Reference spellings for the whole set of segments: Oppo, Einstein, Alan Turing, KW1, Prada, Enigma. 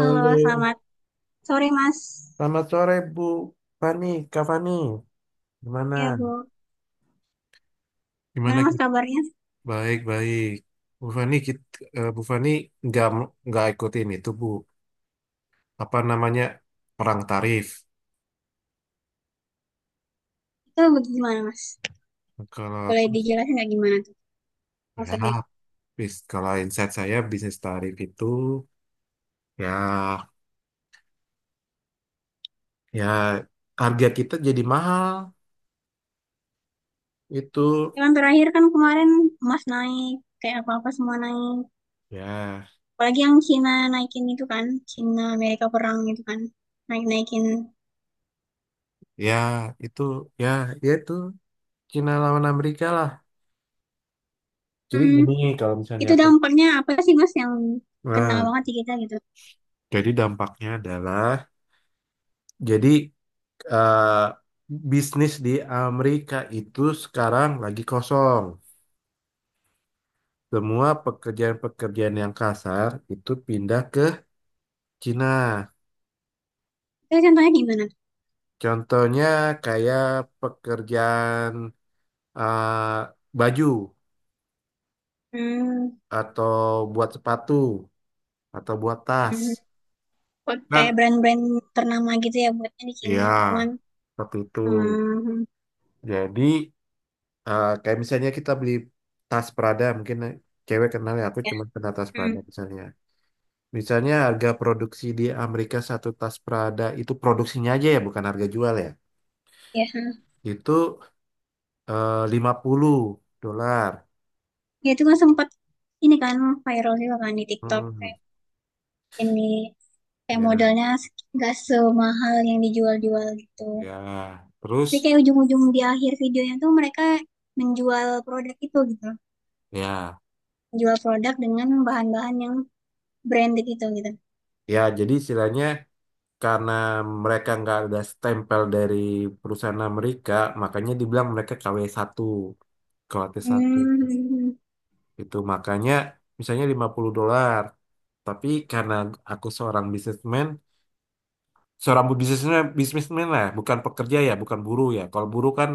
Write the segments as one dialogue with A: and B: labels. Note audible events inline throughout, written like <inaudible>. A: Halo, selamat sore Mas.
B: selamat sore Bu Fani, Kak Fani, gimana?
A: Ya, Bu.
B: Gimana?
A: Gimana
B: Ki?
A: Mas kabarnya?
B: Baik, baik. Bu Fani, Bu Fani nggak nggak ikutin itu Bu. Apa namanya perang tarif?
A: Itu gimana Mas?
B: Kalau
A: Boleh
B: aku,
A: dijelasin nggak gimana tuh
B: ya,
A: maksudnya?
B: kalau insight saya bisnis tarif itu, ya, ya, harga kita jadi mahal itu.
A: Ya kan terakhir kan kemarin emas naik, kayak apa-apa semua naik.
B: Ya,
A: Apalagi yang Cina naikin itu kan, Cina Amerika perang itu kan, naik-naikin.
B: ya, itu. Ya, ya, itu Cina lawan Amerika lah. Jadi
A: Hmm,
B: gini, kalau misalnya
A: itu
B: aku.
A: dampaknya apa sih Mas yang kena
B: Nah.
A: banget di kita gitu?
B: Jadi dampaknya adalah, jadi eh, bisnis di Amerika itu sekarang lagi kosong. Semua pekerjaan-pekerjaan yang kasar itu pindah ke Cina.
A: Itu contohnya gimana tuh?
B: Contohnya kayak pekerjaan, eh, baju,
A: Hmm,
B: atau buat sepatu, atau buat tas.
A: hmm. Kok kayak
B: Kan?
A: brand-brand ternama gitu ya buatnya di
B: Iya,
A: Cina, cuman
B: seperti itu.
A: hmm,
B: Jadi, kayak misalnya kita beli tas Prada, mungkin cewek kenal ya, aku
A: ya,
B: cuma kenal tas Prada
A: hmm,
B: misalnya. Misalnya harga produksi di Amerika satu tas Prada itu produksinya aja ya, bukan harga jual ya.
A: ya, hmm.
B: Itu, 50 dolar.
A: Ya, itu kan sempat ini kan viral juga kan di TikTok,
B: Hmm,
A: kayak ini kayak
B: ya,
A: modalnya nggak semahal yang dijual-jual gitu.
B: ya. Terus,
A: Tapi kayak ujung-ujung di akhir videonya tuh mereka menjual produk itu gitu,
B: ya,
A: menjual produk dengan bahan-bahan yang branded itu gitu.
B: ya. Jadi istilahnya, karena mereka nggak ada stempel dari perusahaan Amerika, makanya dibilang mereka KW1, kw satu. K W T satu.
A: Hmm.
B: Itu makanya misalnya 50 dolar. Tapi karena aku seorang businessman, seorang bisnismen bisnismen lah, bukan pekerja ya, bukan buruh ya, kalau buruh kan,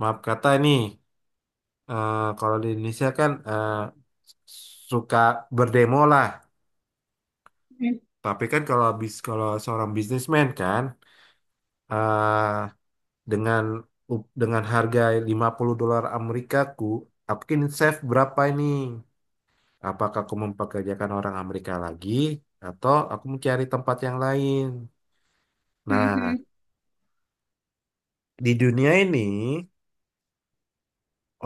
B: maaf kata ini, kalau di Indonesia kan, suka berdemo lah.
A: <laughs>
B: Tapi kan, kalau kalau seorang bisnismen kan, eh, dengan, dengan harga 50 dolar Amerika, aku mungkin save berapa ini. Apakah aku mempekerjakan orang Amerika lagi, atau aku mencari tempat yang lain. Nah, di dunia ini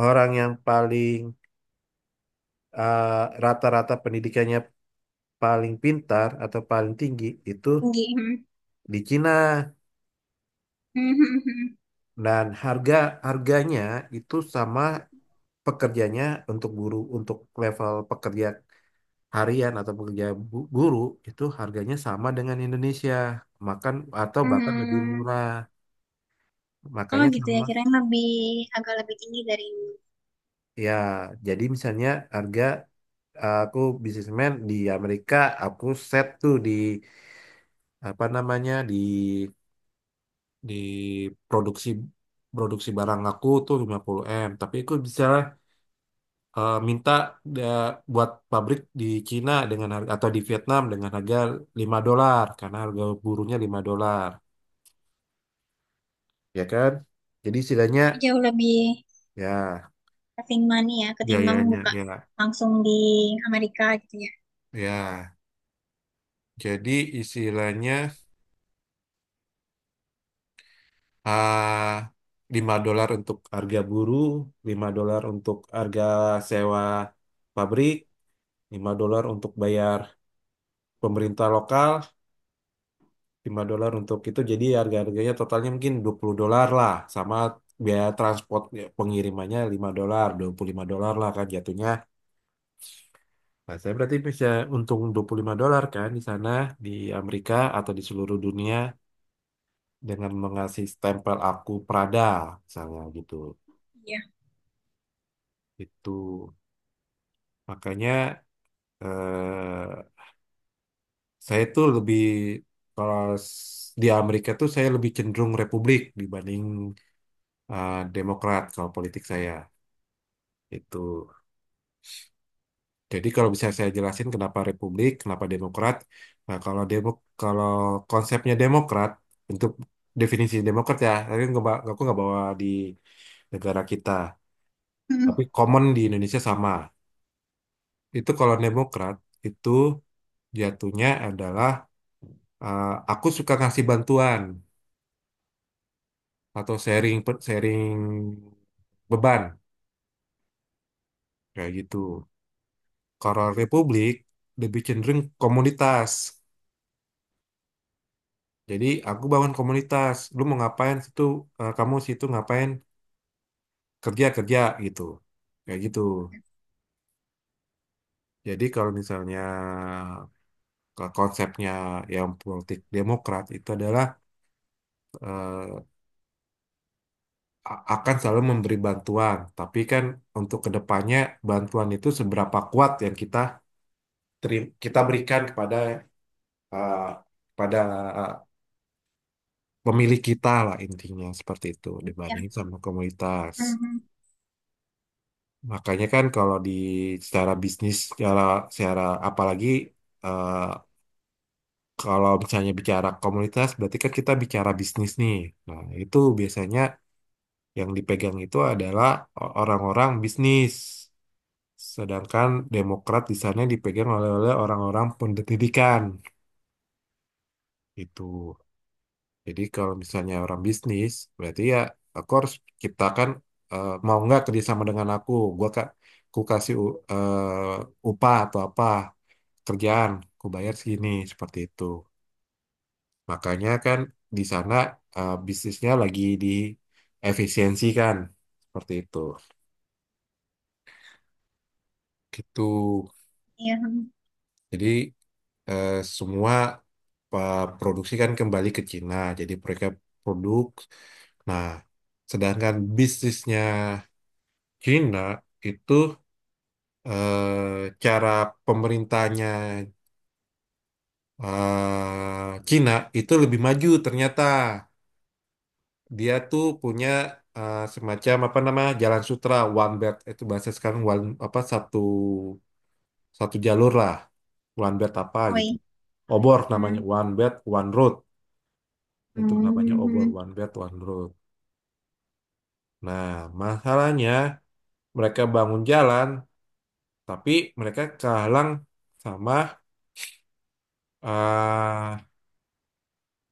B: orang yang paling, eh, rata-rata pendidikannya paling pintar atau paling tinggi itu
A: Tinggi. Hmm,
B: di Cina.
A: hmm, hmm, hmm,
B: Dan harganya itu sama pekerjanya. Untuk guru, untuk level pekerja harian atau pekerja, guru, itu harganya sama dengan Indonesia, makan, atau
A: hmm,
B: bahkan lebih
A: hmm, hmm.
B: murah,
A: Oh
B: makanya
A: gitu ya,
B: sama.
A: kirain lebih agak lebih tinggi dari ini.
B: Ya, jadi misalnya harga, aku bisnismen di Amerika, aku set tuh di apa namanya, di, di produksi, barang aku tuh lima puluh m. Tapi aku bisa, minta, buat pabrik di Cina dengan harga, atau di Vietnam dengan harga 5 dolar, karena harga buruhnya 5 dolar. Ya kan? Jadi istilahnya,
A: Jauh lebih
B: ya,
A: saving money ya ketimbang
B: biayanya
A: buka
B: ya.
A: langsung di Amerika gitu ya.
B: Ya, jadi istilahnya, ah, 5 dolar untuk harga buruh, 5 dolar untuk harga sewa pabrik, 5 dolar untuk bayar pemerintah lokal, 5 dolar untuk itu. Jadi harga-harganya totalnya mungkin 20 dolar lah, sama biaya transport ya, pengirimannya 5 dolar, 25 dolar lah kan jatuhnya. Nah, saya berarti bisa untung 25 dolar kan, di sana, di Amerika atau di seluruh dunia, dengan mengasih stempel aku Prada, misalnya gitu.
A: Iya.
B: Itu makanya, eh, saya tuh lebih, kalau di Amerika tuh saya lebih cenderung Republik, dibanding, Demokrat, kalau politik saya itu. Jadi kalau bisa saya jelasin kenapa Republik, kenapa Demokrat. Nah, kalau kalau konsepnya Demokrat, untuk definisi Demokrat ya, tapi nggak, aku nggak bawa di negara kita.
A: Hmm,
B: Tapi common di Indonesia sama. Itu kalau Demokrat itu jatuhnya adalah, eh, aku suka ngasih bantuan, atau sharing, sharing beban, kayak gitu. Kalau Republik lebih cenderung komunitas. Jadi aku bangun komunitas. Lu mau ngapain situ? Kamu situ ngapain? Kerja kerja gitu. Kayak gitu. Jadi kalau misalnya, konsepnya yang politik demokrat itu adalah, eh, akan selalu memberi bantuan. Tapi kan, untuk kedepannya bantuan itu seberapa kuat yang kita berikan kepada, eh, pada, eh, pemilik kita lah, intinya seperti itu, dibanding
A: iya.
B: sama komunitas.
A: Hmm,
B: Makanya kan kalau di secara bisnis, secara, secara apalagi, eh, kalau misalnya bicara komunitas, berarti kan kita bicara bisnis nih. Nah, itu biasanya yang dipegang itu adalah, orang-orang bisnis. Sedangkan Demokrat di sana dipegang oleh oleh orang-orang pendidikan. Itu. Jadi kalau misalnya orang bisnis, berarti ya aku harus ciptakan, mau nggak kerjasama dengan aku. Gua kak, ku kasih, upah atau apa, kerjaan, aku bayar segini, seperti itu. Makanya kan di sana, bisnisnya lagi di efisiensi kan, seperti itu. Gitu.
A: iya, hmm.
B: Jadi, eh, semua, produksi kan kembali ke Cina, jadi mereka produk. Nah, sedangkan bisnisnya Cina itu, cara pemerintahnya, Cina itu lebih maju ternyata. Dia tuh punya, semacam apa nama jalan sutra, one belt itu bahasa sekarang, one apa satu satu jalur lah, one belt apa
A: Oh,
B: gitu,
A: iya.
B: obor namanya
A: Hmm.
B: one belt one road, itu namanya obor
A: Hmm.
B: one belt one road. Nah, masalahnya mereka bangun jalan, tapi mereka kehalang sama, eh,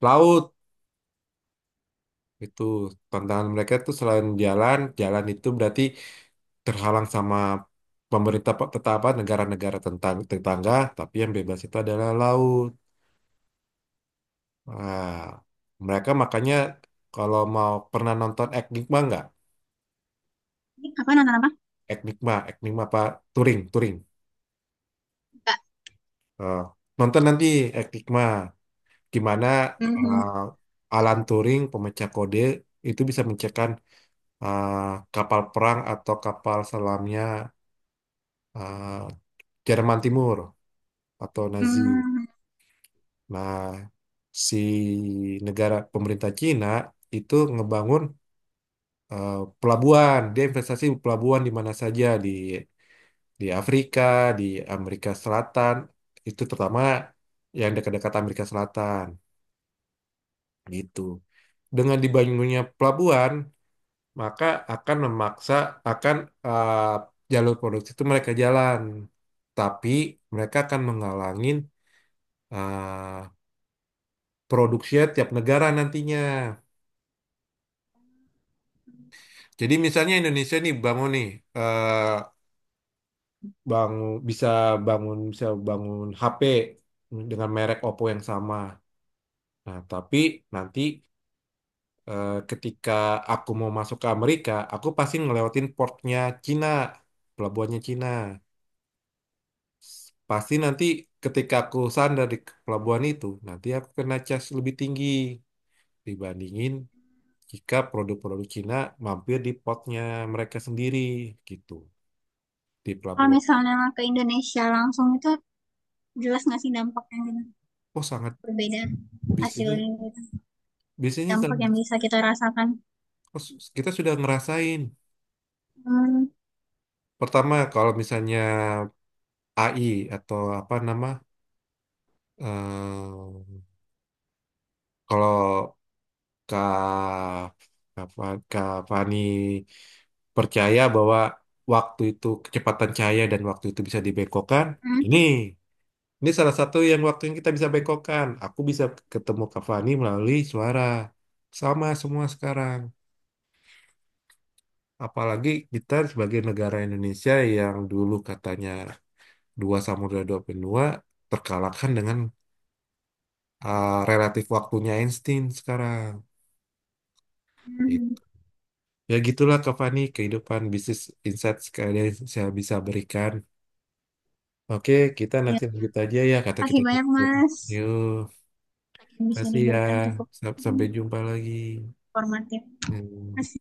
B: laut. Itu tantangan mereka tuh, selain jalan, jalan itu berarti terhalang sama pemerintah, tetapa negara-negara tentang tetangga, tapi yang bebas itu adalah laut. Nah, mereka makanya, kalau mau, pernah nonton Enigma nggak?
A: Ini apa nonton apa?
B: Enigma, Enigma apa? Turing, Turing.
A: Enggak.
B: Eh, nonton nanti Enigma. Gimana,
A: Hmm.
B: eh, Alan Turing, pemecah kode, itu bisa menciptakan, eh, kapal perang atau kapal selamnya, eh, Jerman Timur atau Nazi.
A: Hmm.
B: Nah, si negara pemerintah Cina itu ngebangun, eh, pelabuhan. Dia investasi pelabuhan di mana saja, di Afrika, di Amerika Selatan, itu terutama yang dekat-dekat Amerika Selatan, gitu. Dengan dibangunnya pelabuhan, maka akan memaksa, akan, eh, jalur produksi itu mereka jalan. Tapi mereka akan menghalangin, eh, produksinya tiap negara nantinya. Jadi misalnya Indonesia nih, bangun nih eh bangun bisa bangun bisa bangun HP dengan merek Oppo yang sama. Nah, tapi nanti, ketika aku mau masuk ke Amerika, aku pasti ngelewatin portnya Cina, pelabuhannya Cina. Pasti nanti ketika aku sandar di pelabuhan itu, nanti aku kena cas lebih tinggi, dibandingin jika produk-produk Cina mampir di portnya mereka sendiri, gitu. Di
A: Kalau
B: pelabuhan.
A: misalnya ke Indonesia langsung itu jelas nggak sih dampaknya gitu?
B: Oh sangat,
A: Berbeda
B: bisnisnya
A: hasilnya gitu.
B: bisnisnya
A: Dampak yang bisa kita rasakan.
B: oh, kita sudah ngerasain.
A: Hmm.
B: Pertama kalau misalnya AI, atau apa nama, eh, kalau Kak Kak Fa- Kak Fani percaya bahwa waktu itu kecepatan cahaya dan waktu itu bisa dibengkokkan.
A: Hmm.
B: Ini ini salah satu yang waktu yang kita bisa bengkokkan. Aku bisa ketemu Kak Fani melalui suara. Sama semua sekarang. Apalagi kita sebagai negara Indonesia yang dulu katanya dua samudra dua benua terkalahkan dengan, relatif waktunya Einstein sekarang.
A: Hmm,
B: Gitu.
A: hmm.
B: Ya gitulah Kak Fani, kehidupan bisnis, insight sekali yang saya bisa berikan. Oke, kita
A: Iya.
B: nanti lanjut aja ya, kata kita.
A: Kasih banyak Mas.
B: Yuk,
A: Yang bisa
B: kasih ya.
A: diberikan cukup hmm,
B: Sampai jumpa lagi.
A: informatif. Terima
B: Hmm.
A: kasih.